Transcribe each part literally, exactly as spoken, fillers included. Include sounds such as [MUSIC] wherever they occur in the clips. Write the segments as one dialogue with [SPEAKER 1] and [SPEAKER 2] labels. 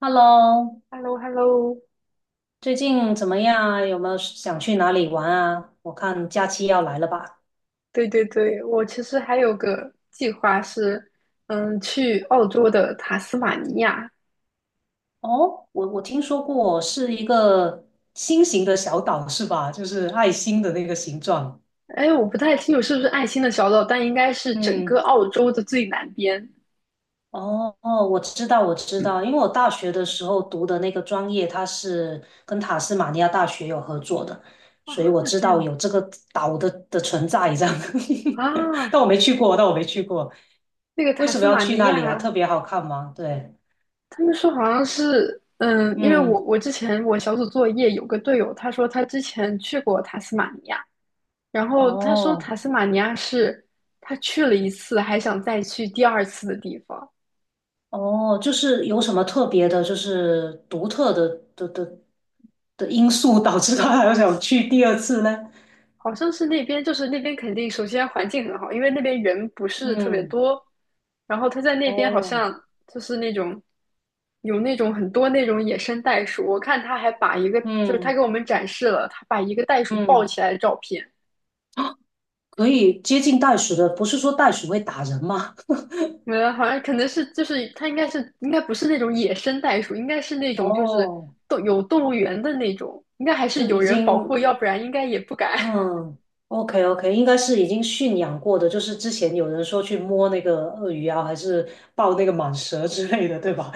[SPEAKER 1] Hello，
[SPEAKER 2] h e l l o h e l l o
[SPEAKER 1] 最近怎么样啊？有没有想去哪里玩啊？我看假期要来了吧？
[SPEAKER 2] 对对对，我其实还有个计划是，嗯，去澳洲的塔斯马尼亚。
[SPEAKER 1] 哦，我我听说过是一个心形的小岛是吧？就是爱心的那个形状。
[SPEAKER 2] 哎，我不太清楚是不是爱心的小岛，但应该是整个
[SPEAKER 1] 嗯。
[SPEAKER 2] 澳洲的最南边
[SPEAKER 1] 哦哦，我知道我知道，因为我大学的时候读的那个专业，它是跟塔斯马尼亚大学有合作的，
[SPEAKER 2] 啊，
[SPEAKER 1] 所以我知
[SPEAKER 2] 这
[SPEAKER 1] 道
[SPEAKER 2] 样子
[SPEAKER 1] 有这个岛的的存在这样。[LAUGHS]
[SPEAKER 2] 啊。
[SPEAKER 1] 但我没去过，但我没去过。
[SPEAKER 2] 那个
[SPEAKER 1] 为
[SPEAKER 2] 塔
[SPEAKER 1] 什么
[SPEAKER 2] 斯
[SPEAKER 1] 要
[SPEAKER 2] 马
[SPEAKER 1] 去
[SPEAKER 2] 尼
[SPEAKER 1] 那里啊？
[SPEAKER 2] 亚，
[SPEAKER 1] 特别好看吗？对。
[SPEAKER 2] 他们说好像是，嗯，因为我
[SPEAKER 1] 嗯。
[SPEAKER 2] 我之前我小组作业有个队友，他说他之前去过塔斯马尼亚，然后他说
[SPEAKER 1] 哦，
[SPEAKER 2] 塔斯马尼亚是他去了一次还想再去第二次的地方。
[SPEAKER 1] 哦，就是有什么特别的，就是独特的的的的因素导致他还要想去第二次呢？
[SPEAKER 2] 好像是那边，就是那边肯定首先环境很好，因为那边人不是特别
[SPEAKER 1] 嗯。
[SPEAKER 2] 多，然后他在那边好
[SPEAKER 1] 哦。
[SPEAKER 2] 像就是那种有那种很多那种野生袋鼠，我看他还把一个就是他给
[SPEAKER 1] 嗯
[SPEAKER 2] 我们展示了他把一个袋鼠抱
[SPEAKER 1] 嗯，
[SPEAKER 2] 起来的照片，
[SPEAKER 1] 可以接近袋鼠的，不是说袋鼠会打人吗？
[SPEAKER 2] 呃，好像可能是就是他应该是应该不是那种野生袋鼠，应该是那
[SPEAKER 1] [LAUGHS]
[SPEAKER 2] 种就是
[SPEAKER 1] 哦，
[SPEAKER 2] 动有动物园的那种，应该还是
[SPEAKER 1] 就
[SPEAKER 2] 有
[SPEAKER 1] 已
[SPEAKER 2] 人保
[SPEAKER 1] 经，
[SPEAKER 2] 护，要不然应该也不敢。
[SPEAKER 1] 嗯，OK OK，应该是已经驯养过的，就是之前有人说去摸那个鳄鱼啊，还是抱那个蟒蛇之类的，对吧？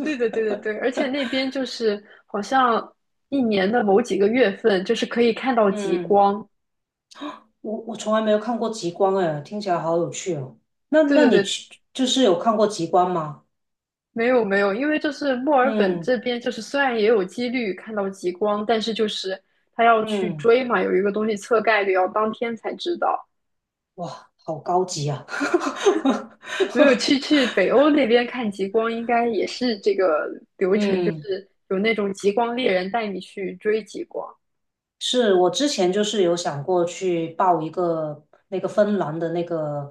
[SPEAKER 2] 对的，对的，对，而且那边就是好像一年的某几个月份，就是可以看到
[SPEAKER 1] [LAUGHS]
[SPEAKER 2] 极
[SPEAKER 1] 嗯。
[SPEAKER 2] 光。
[SPEAKER 1] 我我从来没有看过极光，哎，听起来好有趣哦。那
[SPEAKER 2] 对
[SPEAKER 1] 那你
[SPEAKER 2] 对对，
[SPEAKER 1] 去就是有看过极光吗？
[SPEAKER 2] 没有没有，因为就是墨尔本
[SPEAKER 1] 嗯
[SPEAKER 2] 这边，就是虽然也有几率看到极光，但是就是他要去
[SPEAKER 1] 嗯。
[SPEAKER 2] 追嘛，有一个东西测概率，要当天才知道。
[SPEAKER 1] 哇，好高级啊！
[SPEAKER 2] 没有去去北欧那边看极光，应该也是这个
[SPEAKER 1] [LAUGHS]
[SPEAKER 2] 流程，就
[SPEAKER 1] 嗯。
[SPEAKER 2] 是有那种极光猎人带你去追极光
[SPEAKER 1] 是我之前就是有想过去报一个那个芬兰的那个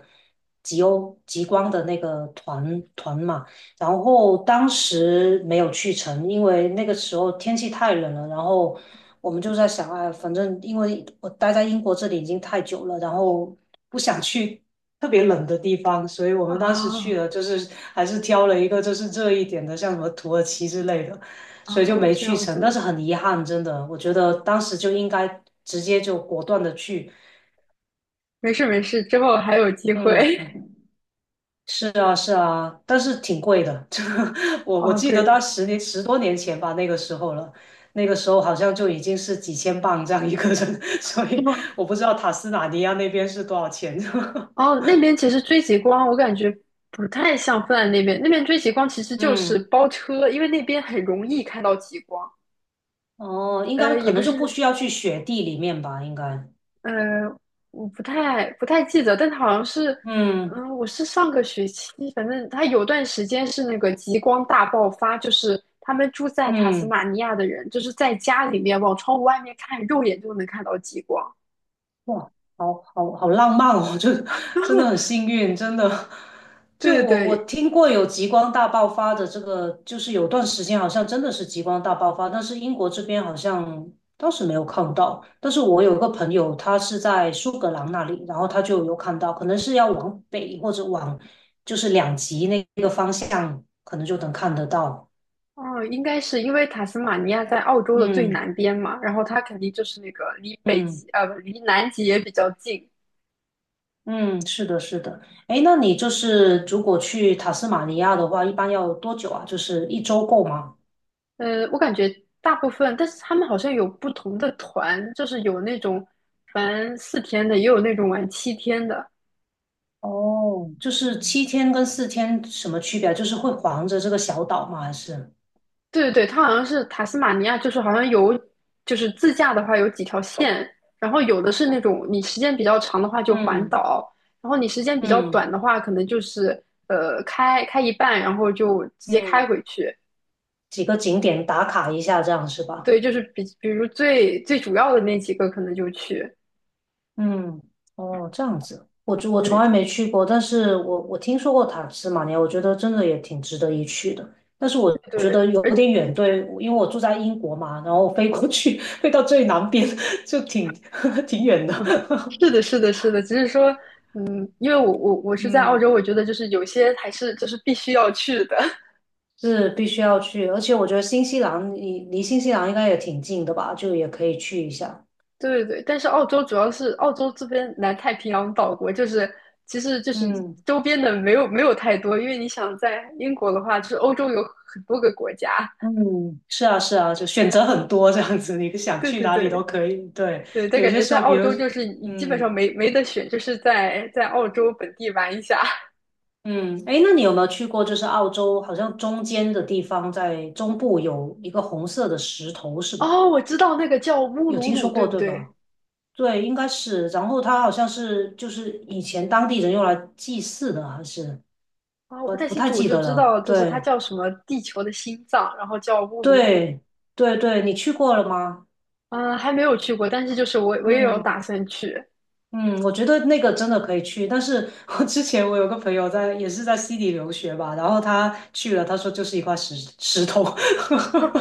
[SPEAKER 1] 极欧极光的那个团团嘛，然后当时没有去成，因为那个时候天气太冷了，然后我们就在想，哎，反正因为我待在英国这里已经太久了，然后不想去特别冷的地方，所以我们当时去
[SPEAKER 2] 啊
[SPEAKER 1] 了，就是还是挑了一个就是热一点的，像什么土耳其之类的。所以就
[SPEAKER 2] 啊，
[SPEAKER 1] 没
[SPEAKER 2] 这
[SPEAKER 1] 去
[SPEAKER 2] 样
[SPEAKER 1] 成，但是
[SPEAKER 2] 子，
[SPEAKER 1] 很遗憾，真的，我觉得当时就应该直接就果断的去。
[SPEAKER 2] 没事没事，之后还有机会。
[SPEAKER 1] 嗯，是啊，是啊，但是挺贵的。[LAUGHS] 这个
[SPEAKER 2] [LAUGHS]
[SPEAKER 1] 我我
[SPEAKER 2] 哦，
[SPEAKER 1] 记得到
[SPEAKER 2] 对，
[SPEAKER 1] 十年十多年前吧，那个时候了，那个时候好像就已经是几千镑这样一个人，[LAUGHS] 所以
[SPEAKER 2] 哦，
[SPEAKER 1] 我不知道塔斯马尼亚那边是多少钱。
[SPEAKER 2] 哦那边其实追极光，我感觉不太像芬兰那边。那边追极光其实
[SPEAKER 1] [LAUGHS]
[SPEAKER 2] 就是
[SPEAKER 1] 嗯。
[SPEAKER 2] 包车，因为那边很容易看到极光。
[SPEAKER 1] 哦，应该
[SPEAKER 2] 呃，也
[SPEAKER 1] 可
[SPEAKER 2] 不
[SPEAKER 1] 能就不
[SPEAKER 2] 是，
[SPEAKER 1] 需要去雪地里面吧，应该。
[SPEAKER 2] 呃，我不太不太记得，但它好像是，
[SPEAKER 1] 嗯
[SPEAKER 2] 嗯、我是上个学期，反正它有段时间是那个极光大爆发，就是他们住在塔斯
[SPEAKER 1] 嗯。
[SPEAKER 2] 马尼亚的人，就是在家里面往窗户外面看，肉眼就能看到极光。
[SPEAKER 1] 哇，好好好浪漫哦！就真的很幸运，真的。就
[SPEAKER 2] 对对
[SPEAKER 1] 我我
[SPEAKER 2] 对，
[SPEAKER 1] 听过有极光大爆发的这个，就是有段时间好像真的是极光大爆发，但是英国这边好像当时没有看到。但是我有个朋友，他是在苏格兰那里，然后他就有看到，可能是要往北或者往就是两极那个方向，可能就能看得到。
[SPEAKER 2] 哦，应该是因为塔斯马尼亚在澳洲的最
[SPEAKER 1] 嗯
[SPEAKER 2] 南边嘛，然后它肯定就是那个离北
[SPEAKER 1] 嗯。
[SPEAKER 2] 极，呃，不离南极也比较近。
[SPEAKER 1] 嗯，是的，是的。哎，那你就是如果去塔斯马尼亚的话，一般要多久啊？就是一周够吗？
[SPEAKER 2] 呃，我感觉大部分，但是他们好像有不同的团，就是有那种玩四天的，也有那种玩七天的。
[SPEAKER 1] 哦，就是七天跟四天什么区别啊，就是会环着这个小岛吗？还是？
[SPEAKER 2] 对对对，它好像是塔斯马尼亚，就是好像有，就是自驾的话有几条线，然后有的是那种你时间比较长的话就环
[SPEAKER 1] 嗯
[SPEAKER 2] 岛，然后你时间比较
[SPEAKER 1] 嗯
[SPEAKER 2] 短的话，可能就是呃开开一半，然后就直接开
[SPEAKER 1] 嗯，
[SPEAKER 2] 回去。
[SPEAKER 1] 几个景点打卡一下，这样是吧？
[SPEAKER 2] 对，就是比比如最最主要的那几个可能就去，
[SPEAKER 1] 嗯。哦，这样子，我就我
[SPEAKER 2] 对
[SPEAKER 1] 从来没去过，但是我我听说过塔斯马尼亚，我觉得真的也挺值得一去的。但是我觉得
[SPEAKER 2] 对，
[SPEAKER 1] 有
[SPEAKER 2] 而
[SPEAKER 1] 点远，对，因为我住在英国嘛，然后飞过去，飞到最南边，就挺 [LAUGHS] 挺远的。
[SPEAKER 2] 嗯，
[SPEAKER 1] [LAUGHS]
[SPEAKER 2] 是的，是的，是的，只是说，嗯，因为我我我是在澳
[SPEAKER 1] 嗯，
[SPEAKER 2] 洲，我觉得就是有些还是就是必须要去的，
[SPEAKER 1] 是必须要去，而且我觉得新西兰离离新西兰应该也挺近的吧，就也可以去一下。
[SPEAKER 2] [LAUGHS] 对对，但是澳洲主要是澳洲这边南太平洋岛国，就是其实就是
[SPEAKER 1] 嗯
[SPEAKER 2] 周边的没有没有太多，因为你想在英国的话，就是欧洲有很多个国家，
[SPEAKER 1] 嗯，是啊是啊，就选择很多这样子，你想
[SPEAKER 2] 对
[SPEAKER 1] 去
[SPEAKER 2] 对
[SPEAKER 1] 哪里都
[SPEAKER 2] 对。
[SPEAKER 1] 可以。对，
[SPEAKER 2] 对，但
[SPEAKER 1] 有
[SPEAKER 2] 感
[SPEAKER 1] 些
[SPEAKER 2] 觉
[SPEAKER 1] 时
[SPEAKER 2] 在
[SPEAKER 1] 候，比
[SPEAKER 2] 澳
[SPEAKER 1] 如。
[SPEAKER 2] 洲就是你基本
[SPEAKER 1] 嗯。
[SPEAKER 2] 上没没得选，就是在在澳洲本地玩一下。
[SPEAKER 1] 嗯。哎，那你有没有去过？就是澳洲好像中间的地方，在中部有一个红色的石头，是
[SPEAKER 2] 哦，
[SPEAKER 1] 吧？
[SPEAKER 2] 我知道那个叫乌
[SPEAKER 1] 有
[SPEAKER 2] 鲁
[SPEAKER 1] 听
[SPEAKER 2] 鲁，
[SPEAKER 1] 说
[SPEAKER 2] 对
[SPEAKER 1] 过，
[SPEAKER 2] 不
[SPEAKER 1] 对吧？
[SPEAKER 2] 对？
[SPEAKER 1] 对，应该是。然后它好像是就是以前当地人用来祭祀的，还是
[SPEAKER 2] 啊、我不太
[SPEAKER 1] 不
[SPEAKER 2] 清
[SPEAKER 1] 太
[SPEAKER 2] 楚，我
[SPEAKER 1] 记
[SPEAKER 2] 就
[SPEAKER 1] 得
[SPEAKER 2] 知
[SPEAKER 1] 了。
[SPEAKER 2] 道就是它
[SPEAKER 1] 对，
[SPEAKER 2] 叫什么地球的心脏，然后叫乌鲁鲁。
[SPEAKER 1] 对，对，对，你去过了吗？
[SPEAKER 2] 嗯，还没有去过，但是就是我我也有
[SPEAKER 1] 嗯
[SPEAKER 2] 打算去。
[SPEAKER 1] 嗯，我觉得那个真的可以去。但是我之前我有个朋友在，也是在悉尼留学吧，然后他去了，他说就是一块石石头。
[SPEAKER 2] 不，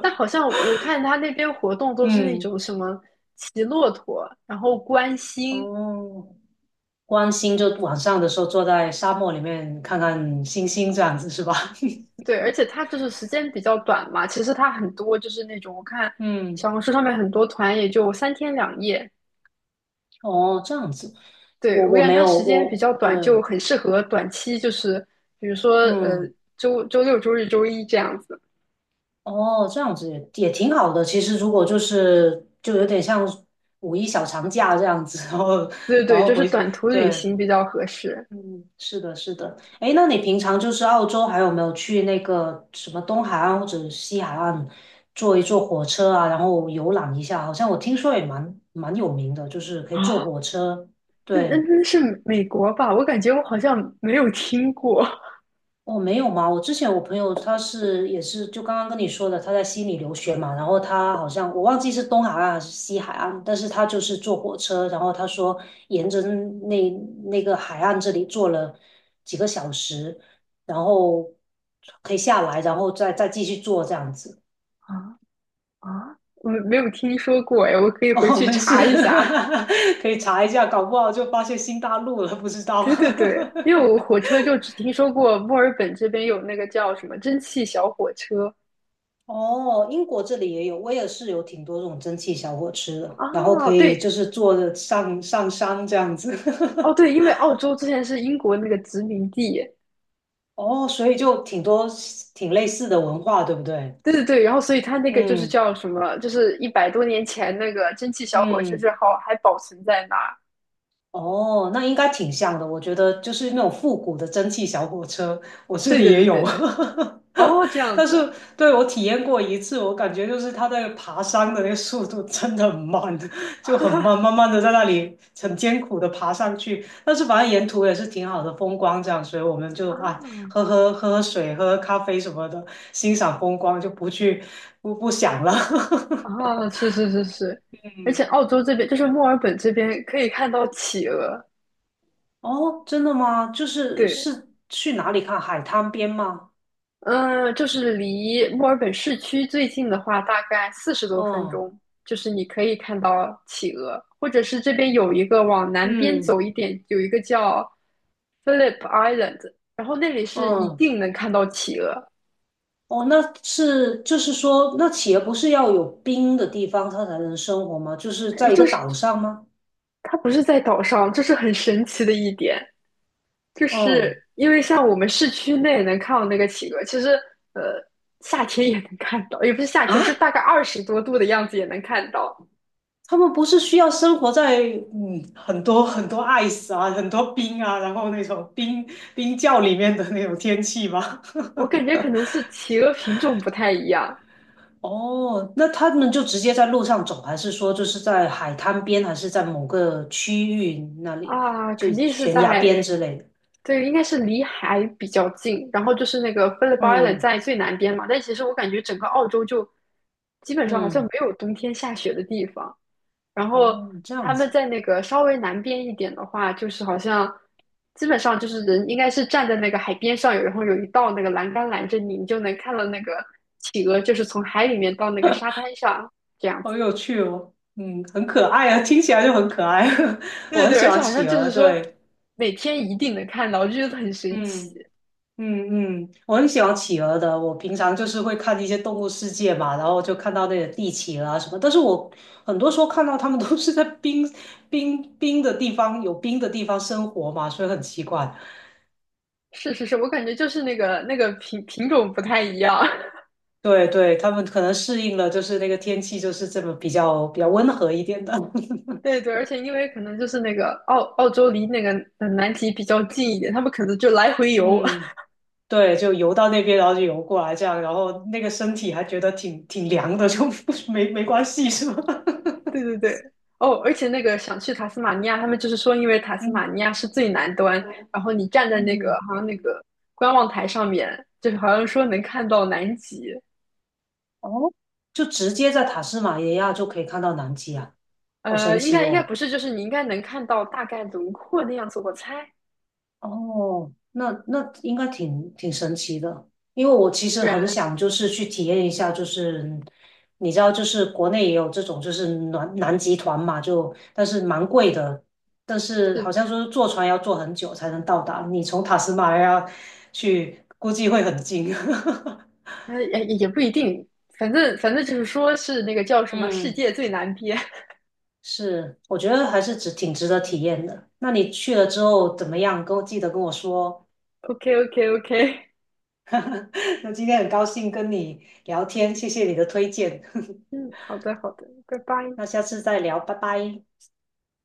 [SPEAKER 2] 但好像我看他那边活动
[SPEAKER 1] [LAUGHS]
[SPEAKER 2] 都是那
[SPEAKER 1] 嗯。
[SPEAKER 2] 种什么骑骆驼，然后观星，
[SPEAKER 1] 哦。观星就晚上的时候坐在沙漠里面看看星星这样子是吧？[LAUGHS]
[SPEAKER 2] 对，而且它就是时间比较短嘛。其实它很多就是那种我看
[SPEAKER 1] 嗯。
[SPEAKER 2] 小红书上面很多团也就三天两夜，
[SPEAKER 1] 哦，这样子，
[SPEAKER 2] 对，
[SPEAKER 1] 我
[SPEAKER 2] 我
[SPEAKER 1] 我
[SPEAKER 2] 感
[SPEAKER 1] 没
[SPEAKER 2] 觉它
[SPEAKER 1] 有，
[SPEAKER 2] 时间比
[SPEAKER 1] 我
[SPEAKER 2] 较
[SPEAKER 1] 对，
[SPEAKER 2] 短，就很适合短期，就是比如说呃
[SPEAKER 1] 嗯。
[SPEAKER 2] 周周六、周日、周一这样子。
[SPEAKER 1] 哦，这样子也也挺好的。其实如果就是就有点像五一小长假这样子，然后
[SPEAKER 2] 对
[SPEAKER 1] 然
[SPEAKER 2] 对，
[SPEAKER 1] 后
[SPEAKER 2] 就是
[SPEAKER 1] 回，
[SPEAKER 2] 短途旅
[SPEAKER 1] 对，
[SPEAKER 2] 行比较合适。
[SPEAKER 1] 嗯，是的，是的。哎，那你平常就是澳洲，还有没有去那个什么东海岸或者西海岸坐一坐火车啊，然后游览一下？好像我听说也蛮蛮有名的，就是可以坐
[SPEAKER 2] 啊
[SPEAKER 1] 火车。
[SPEAKER 2] 那那
[SPEAKER 1] 对，
[SPEAKER 2] 那是美国吧？我感觉我好像没有听过，
[SPEAKER 1] 我没有嘛，我之前我朋友他是也是就刚刚跟你说的，他在悉尼留学嘛，然后他好像我忘记是东海岸还是西海岸，但是他就是坐火车，然后他说沿着那那个海岸这里坐了几个小时，然后可以下来，然后再再继续坐这样子。
[SPEAKER 2] 啊啊！我没有听说过哎，我可
[SPEAKER 1] [LAUGHS]
[SPEAKER 2] 以回
[SPEAKER 1] 哦，
[SPEAKER 2] 去
[SPEAKER 1] 没事。
[SPEAKER 2] 查一下。
[SPEAKER 1] [LAUGHS] 可以查一下，搞不好就发现新大陆了，不知道。
[SPEAKER 2] 对对对，因为我
[SPEAKER 1] [LAUGHS]
[SPEAKER 2] 火车就只听说过墨尔本这边有那个叫什么蒸汽小火车
[SPEAKER 1] 哦，英国这里也有，威尔士有挺多这种蒸汽小火车的，然后可
[SPEAKER 2] 啊，
[SPEAKER 1] 以
[SPEAKER 2] 对
[SPEAKER 1] 就是坐着上上山这样子。
[SPEAKER 2] 哦对，
[SPEAKER 1] [LAUGHS]
[SPEAKER 2] 因为澳洲之前是英国那个殖民地，
[SPEAKER 1] 哦，所以就挺多挺类似的文化，对不对？
[SPEAKER 2] 对对对，然后所以它那个就是
[SPEAKER 1] 嗯
[SPEAKER 2] 叫什么，就是一百多年前那个蒸汽小火车
[SPEAKER 1] 嗯。
[SPEAKER 2] 之好还保存在那儿。
[SPEAKER 1] 哦，那应该挺像的。我觉得就是那种复古的蒸汽小火车，我这
[SPEAKER 2] 对
[SPEAKER 1] 里
[SPEAKER 2] 对
[SPEAKER 1] 也
[SPEAKER 2] 对对
[SPEAKER 1] 有。
[SPEAKER 2] 对，
[SPEAKER 1] [LAUGHS]
[SPEAKER 2] 哦，这样
[SPEAKER 1] 但
[SPEAKER 2] 子
[SPEAKER 1] 是对我体验过一次，我感觉就是它在爬山的那个速度真的很慢，[LAUGHS] 就很慢，慢慢的在那里很艰苦的爬上去。但是反正沿途也是挺好的风光，这样，所以我们就
[SPEAKER 2] 啊
[SPEAKER 1] 啊喝喝喝喝水，喝喝咖啡什么的，欣赏风光，就不去不不想了。
[SPEAKER 2] 啊，是
[SPEAKER 1] [LAUGHS]
[SPEAKER 2] 是是是，而
[SPEAKER 1] 嗯。
[SPEAKER 2] 且澳洲这边就是墨尔本这边可以看到企鹅，
[SPEAKER 1] 哦，真的吗？就是
[SPEAKER 2] 对，
[SPEAKER 1] 是去哪里看海滩边吗？
[SPEAKER 2] 嗯，就是离墨尔本市区最近的话，大概四十多分
[SPEAKER 1] 嗯
[SPEAKER 2] 钟，就是你可以看到企鹅，或者是这边有一个往南边
[SPEAKER 1] 嗯
[SPEAKER 2] 走一点，有一个叫 Phillip Island，然后那里是一
[SPEAKER 1] 嗯。
[SPEAKER 2] 定能看到企鹅，
[SPEAKER 1] 哦，那是就是说，那企业不是要有冰的地方它才能生活吗？就是
[SPEAKER 2] 诶
[SPEAKER 1] 在一个
[SPEAKER 2] 就是
[SPEAKER 1] 岛上吗？
[SPEAKER 2] 它不是在岛上，这是很神奇的一点，就是
[SPEAKER 1] 嗯。
[SPEAKER 2] 因为像我们市区内能看到那个企鹅，其实呃夏天也能看到，也不是夏天，就
[SPEAKER 1] 啊，
[SPEAKER 2] 大概二十多度的样子也能看到。
[SPEAKER 1] 他们不是需要生活在嗯很多很多 ice 啊，很多冰啊，然后那种冰冰窖里面的那种天气吗？
[SPEAKER 2] 我感觉可能是企鹅品种不太一样
[SPEAKER 1] 哦，那他们就直接在路上走，还是说就是在海滩边，还是在某个区域那里，
[SPEAKER 2] 啊，
[SPEAKER 1] 就
[SPEAKER 2] 肯定是
[SPEAKER 1] 悬崖边
[SPEAKER 2] 在，
[SPEAKER 1] 之类的？
[SPEAKER 2] 对，应该是离海比较近，然后就是那个 p h i l l
[SPEAKER 1] 嗯
[SPEAKER 2] 在最南边嘛，但其实我感觉整个澳洲就基本上好像没
[SPEAKER 1] 嗯。
[SPEAKER 2] 有冬天下雪的地方，然后
[SPEAKER 1] 哦，这样
[SPEAKER 2] 他们
[SPEAKER 1] 子，
[SPEAKER 2] 在那个稍微南边一点的话，就是好像基本上就是人应该是站在那个海边上有，然后有一道那个栏杆拦着你，你就能看到那个企鹅就是从海里面到那个沙滩上这样。
[SPEAKER 1] 好有趣哦，嗯，很可爱啊，听起来就很可爱，[LAUGHS]
[SPEAKER 2] 对
[SPEAKER 1] 我
[SPEAKER 2] 对
[SPEAKER 1] 很
[SPEAKER 2] 对
[SPEAKER 1] 喜
[SPEAKER 2] 而且
[SPEAKER 1] 欢
[SPEAKER 2] 好像
[SPEAKER 1] 企
[SPEAKER 2] 就
[SPEAKER 1] 鹅，
[SPEAKER 2] 是说
[SPEAKER 1] 对。
[SPEAKER 2] 每天一定能看到，我就觉得很神奇。
[SPEAKER 1] 嗯。嗯嗯，我很喜欢企鹅的。我平常就是会看一些《动物世界》嘛，然后就看到那个帝企鹅啊什么。但是我很多时候看到它们都是在冰冰冰的地方，有冰的地方生活嘛，所以很奇怪。
[SPEAKER 2] 是是是，我感觉就是那个那个品品种不太一样。
[SPEAKER 1] 对对，它们可能适应了，就是那个天气就是这么比较比较温和一点的。[LAUGHS]
[SPEAKER 2] [LAUGHS] 对对，而且因为可能就是那个澳澳洲离那个呃南极比较近一点，他们可能就来回游。
[SPEAKER 1] 嗯，对，就游到那边，然后就游过来这样，然后那个身体还觉得挺挺凉的，就 [LAUGHS] 没没关系是吧？[LAUGHS]
[SPEAKER 2] [LAUGHS] 对对对，哦，而且那个想去塔斯马尼亚，他们就是说因为塔斯
[SPEAKER 1] 嗯
[SPEAKER 2] 马尼亚是最南端，然后你站在那个
[SPEAKER 1] 嗯。
[SPEAKER 2] 好像那个观望台上面，就是好像说能看到南极。
[SPEAKER 1] 哦，就直接在塔斯马尼亚就可以看到南极啊，好
[SPEAKER 2] 呃，
[SPEAKER 1] 神
[SPEAKER 2] 应
[SPEAKER 1] 奇
[SPEAKER 2] 该应该
[SPEAKER 1] 哦！
[SPEAKER 2] 不是，就是你应该能看到大概轮廓那样子，我猜。
[SPEAKER 1] 哦，那那应该挺挺神奇的，因为我其实
[SPEAKER 2] 不
[SPEAKER 1] 很
[SPEAKER 2] 然
[SPEAKER 1] 想就是去体验一下，就是你知道，就是国内也有这种就是南南极团嘛，就但是蛮贵的，但是好
[SPEAKER 2] 是，
[SPEAKER 1] 像说是坐船要坐很久才能到达，你从塔斯马尼亚去，估计会很近。[LAUGHS]
[SPEAKER 2] 哎也也不一定，反正反正就是说是那个叫什么世
[SPEAKER 1] 嗯。
[SPEAKER 2] 界最难编。
[SPEAKER 1] 是，我觉得还是值挺值得体验的。那你去了之后怎么样？跟我记得跟我说。
[SPEAKER 2] [LAUGHS] OK OK OK，
[SPEAKER 1] [LAUGHS] 那今天很高兴跟你聊天，谢谢你的推荐。[LAUGHS]
[SPEAKER 2] 嗯，好的好的，拜拜。
[SPEAKER 1] 那下次再聊，拜拜。